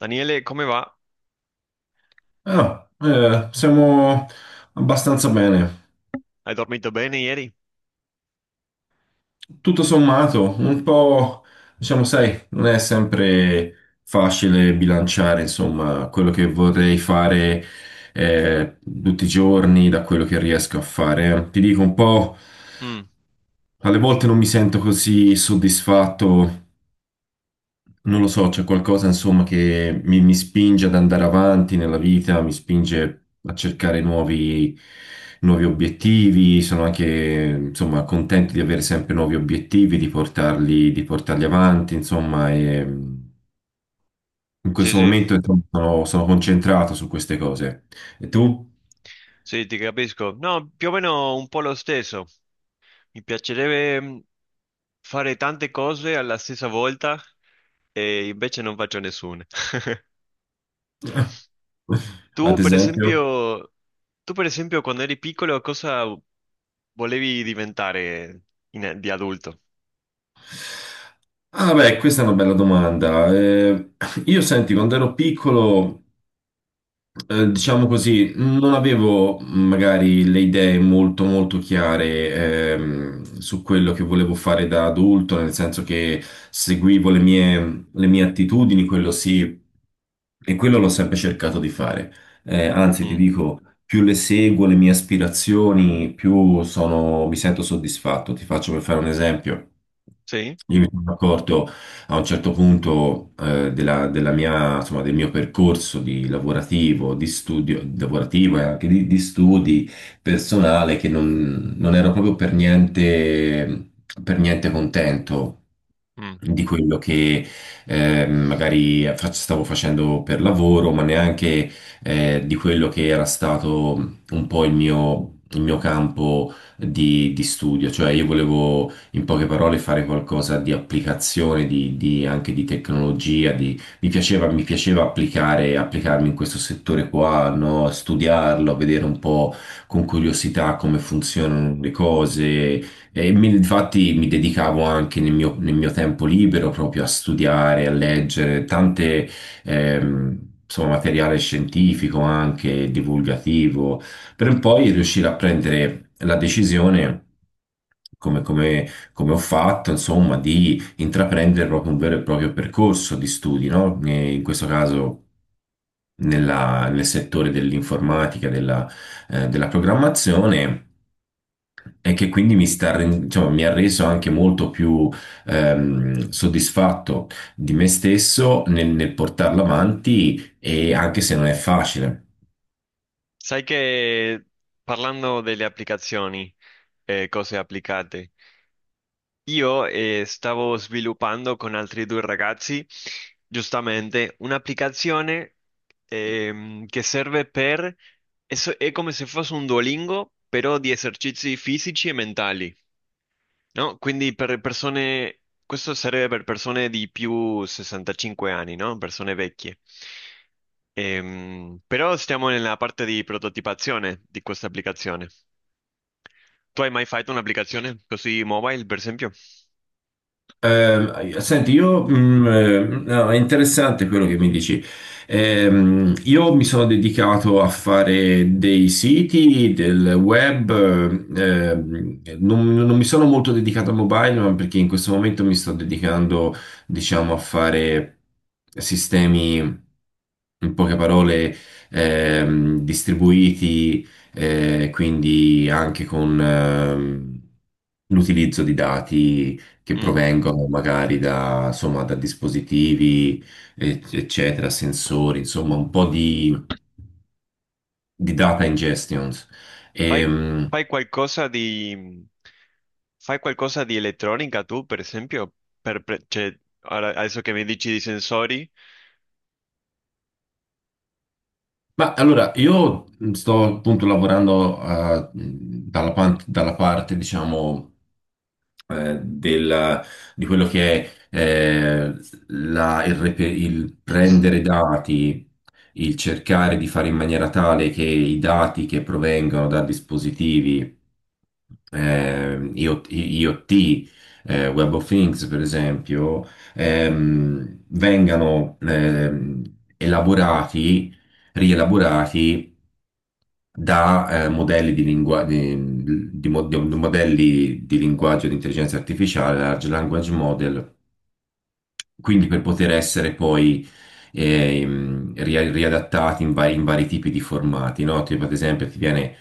Daniele, come va? Siamo abbastanza bene. Hai dormito bene ieri? Tutto sommato, un po', diciamo, sai, non è sempre facile bilanciare, insomma, quello che vorrei fare tutti i giorni da quello che riesco a fare. Ti dico un po', Mm, alle volte non mi sento così soddisfatto. Non lo so, c'è qualcosa insomma che mi spinge ad andare avanti nella vita, mi spinge a cercare nuovi obiettivi, sono anche insomma contento di avere sempre nuovi obiettivi, di portarli avanti, insomma, e in sì, questo sì, momento insomma, sono concentrato su queste cose. E tu? sì, ti capisco. No, più o meno un po' lo stesso. Mi piacerebbe fare tante cose alla stessa volta e invece non faccio nessuna. Tu, Ad per esempio? esempio, tu, per esempio, quando eri piccolo, cosa volevi diventare di adulto? Ah beh, questa è una bella domanda. Io senti, quando ero piccolo... diciamo così, non avevo magari le idee molto molto chiare su quello che volevo fare da adulto, nel senso che seguivo le mie attitudini, quello sì, e quello l'ho sempre cercato di fare. Anzi, ti Mm, dico, più le seguo, le mie aspirazioni, più sono, mi sento soddisfatto. Ti faccio per fare un esempio. sì? Io mi sono accorto a un certo punto della mia, insomma, del mio percorso di lavorativo, di studio, lavorativo e anche di studi personale che non ero proprio per niente contento Mm. di quello che magari stavo facendo per lavoro, ma neanche di quello che era stato un po' il mio campo di studio. Cioè io volevo in poche parole fare qualcosa di applicazione, anche di tecnologia, mi piaceva applicare, applicarmi in questo settore qua, no? Studiarlo, vedere un po' con curiosità come funzionano le cose e infatti mi dedicavo anche nel mio tempo libero proprio a studiare, a leggere tante, ehm, insomma, materiale scientifico anche, divulgativo, per poi riuscire a prendere la decisione, come, come- come ho fatto, insomma, di intraprendere proprio un vero e proprio percorso di studi, no? E in questo caso nel settore dell'informatica, della programmazione e che quindi mi sta, diciamo, mi ha reso anche molto più soddisfatto di me stesso nel portarlo avanti e anche se non è facile. Sai che parlando delle applicazioni e cose applicate. Io stavo sviluppando con altri due ragazzi giustamente un'applicazione, che serve per... è come se fosse un Duolingo, però di esercizi fisici e mentali, no? Quindi per persone... questo serve per persone di più 65 anni, no? Persone vecchie. Però stiamo nella parte di prototipazione di questa applicazione. Tu hai mai fatto un'applicazione così mobile, per esempio? Senti, no, è interessante quello che mi dici. Io mi sono dedicato a fare dei siti, del web, non mi sono molto dedicato al mobile, ma perché in questo momento mi sto dedicando, diciamo, a fare sistemi, in poche parole, distribuiti, quindi anche con l'utilizzo di dati che Mm. provengono magari da, insomma, da dispositivi, eccetera, sensori, insomma, un po' di data ingestions. Fai, Ehm, fai qualcosa di, fai qualcosa di elettronica tu, per esempio? Cioè, adesso che mi dici di sensori. ma allora, io sto appunto lavorando dalla parte, diciamo, eh, del- di quello che è il prendere dati, il cercare di fare in maniera tale che i dati che provengono da dispositivi IoT, Web of Things, per esempio, vengano elaborati, rielaborati da modelli di modelli di linguaggio di intelligenza artificiale, large language model, quindi per poter essere poi riadattati in vari tipi di formati, no? Tipo ad esempio ti viene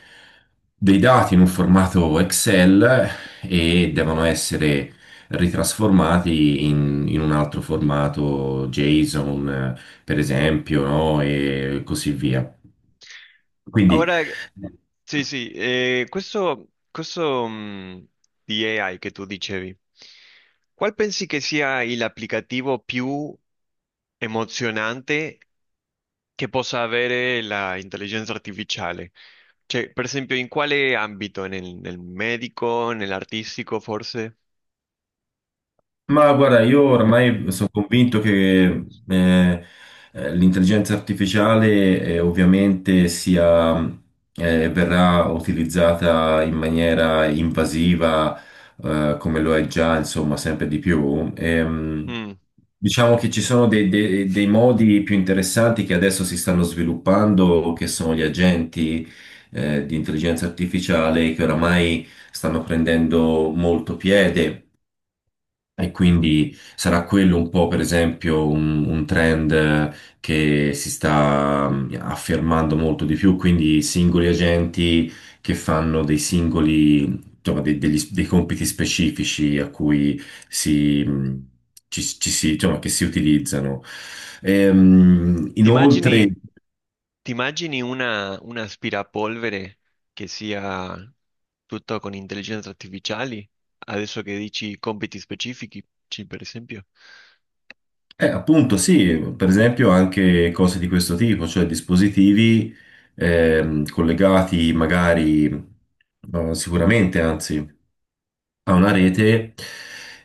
dei dati in un formato Excel e devono essere ritrasformati in un altro formato JSON, per esempio, no? E così via. Quindi... Ora, sì, sì, di AI che tu dicevi, qual pensi che sia l'applicativo più emozionante che possa avere l'intelligenza artificiale? Cioè, per esempio, in quale ambito? Nel medico, nell'artistico, forse? Ma guarda, io ormai sono convinto che eh, l'intelligenza artificiale ovviamente sia, verrà utilizzata in maniera invasiva, come lo è già, insomma, sempre di più. Mm. Diciamo che ci sono dei modi più interessanti che adesso si stanno sviluppando, che sono gli agenti, di intelligenza artificiale che oramai stanno prendendo molto piede. E quindi sarà quello un po', per esempio, un trend che si sta affermando molto di più, quindi singoli agenti che fanno dei singoli, insomma, dei compiti specifici a cui si, mm, ci si, insomma, che si utilizzano. Ti Inoltre, sì. immagini, ti immagini una, un aspirapolvere che sia tutto con intelligenze artificiali? Adesso che dici compiti specifici, per esempio. Appunto, sì, per esempio anche cose di questo tipo, cioè dispositivi collegati magari, sicuramente anzi, a una rete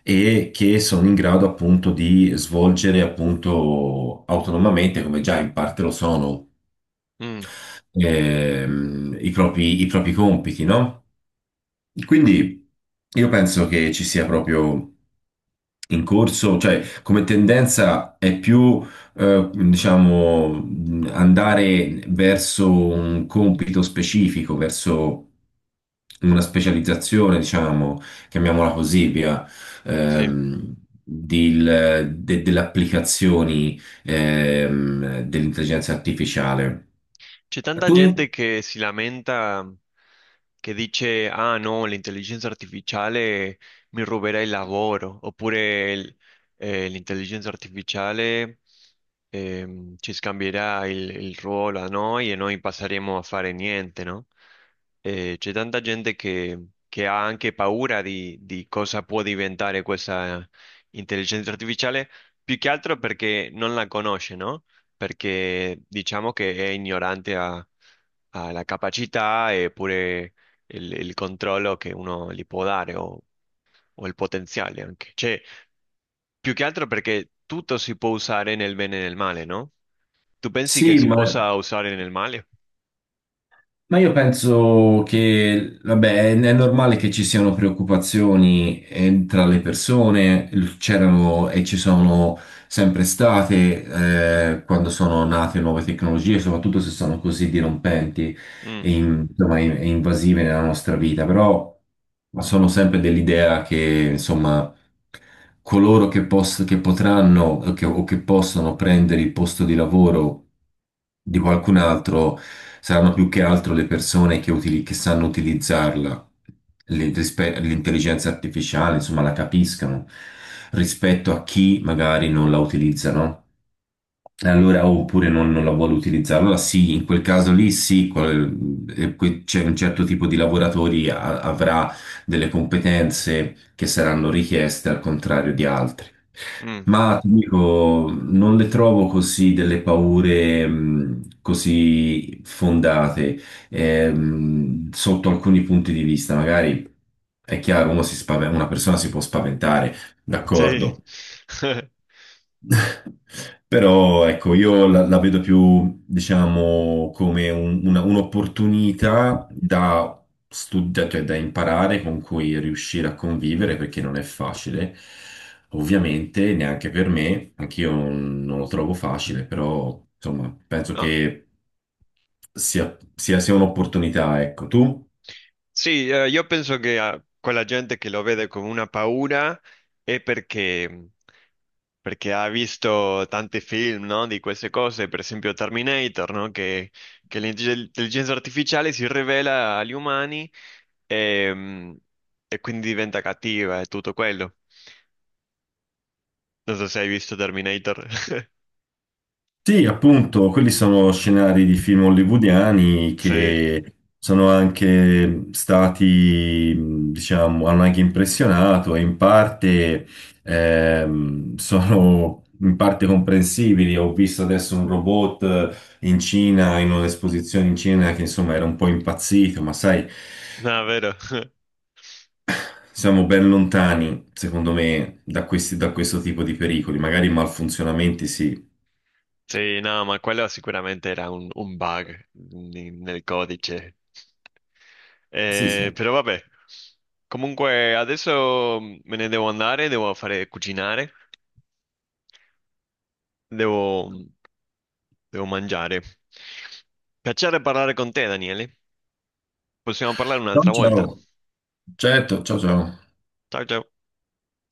e che sono in grado appunto di svolgere appunto autonomamente, come già in parte lo sono, Mm, i propri compiti, no? Quindi io penso che ci sia proprio in corso, cioè come tendenza è più, diciamo, andare verso un compito specifico, verso una specializzazione, diciamo, chiamiamola così, via, sì. ehm, delle applicazioni dell'intelligenza artificiale. C'è tanta Tu? gente che si lamenta, che dice, ah no, l'intelligenza artificiale mi ruberà il lavoro, oppure l'intelligenza artificiale, ci scambierà il ruolo a noi e noi passeremo a fare niente, no? C'è tanta gente che ha anche paura di cosa può diventare questa intelligenza artificiale, più che altro perché non la conosce, no? Perché diciamo che è ignorante alla capacità e pure il controllo che uno gli può dare o il potenziale anche. Cioè, più che altro perché tutto si può usare nel bene e nel male, no? Tu pensi che Sì, si ma... possa usare nel male? Ma io penso che, vabbè, è normale che ci siano preoccupazioni tra le persone, c'erano e ci sono sempre state quando sono nate nuove tecnologie, soprattutto se sono così dirompenti Mm, e, insomma, e invasive nella nostra vita, però ma sono sempre dell'idea che, insomma, coloro che, che potranno o che possono prendere il posto di lavoro di qualcun altro saranno più che altro le persone che, che sanno utilizzarla, l'intelligenza artificiale, insomma, la capiscano rispetto a chi magari non la utilizza, no? E allora, oh, oppure non la vuole utilizzare. Allora sì, in quel caso lì sì, c'è un certo tipo di lavoratori avrà delle competenze che saranno richieste al contrario di altri. mm, Ma ti dico, non le trovo così delle paure così fondate sotto alcuni punti di vista. Magari è chiaro, uno una persona si può spaventare, sì. d'accordo. Però ecco, la vedo più, diciamo, come un'opportunità da studiare, cioè da imparare, con cui riuscire a convivere, perché non è facile. Ovviamente, neanche per me, anch'io non lo trovo facile, però insomma, penso No, che sia un'opportunità, ecco, tu? sì, io penso che quella gente che lo vede come una paura è perché ha visto tanti film, no, di queste cose, per esempio Terminator, no, che l'intelligenza artificiale si rivela agli umani e, e quindi diventa cattiva e tutto quello. Non so se hai visto Terminator. Sì, appunto, quelli sono scenari di film hollywoodiani Sì, che sono anche stati, diciamo, hanno anche impressionato e in parte sono in parte comprensibili. Ho visto adesso un robot in Cina, in un'esposizione in Cina che insomma era un po' impazzito, ma sai, no, è vero. siamo ben lontani, secondo me, da questi, da questo tipo di pericoli, magari malfunzionamenti, sì. Sì, no, ma quello sicuramente era un nel codice. Sì, sì. Però vabbè, comunque adesso me ne devo andare, devo fare cucinare, devo... devo mangiare. Piacere parlare con te, Daniele. Possiamo parlare Ciao, un'altra volta. ciao. Certo, ciao ciao. Ciao ciao.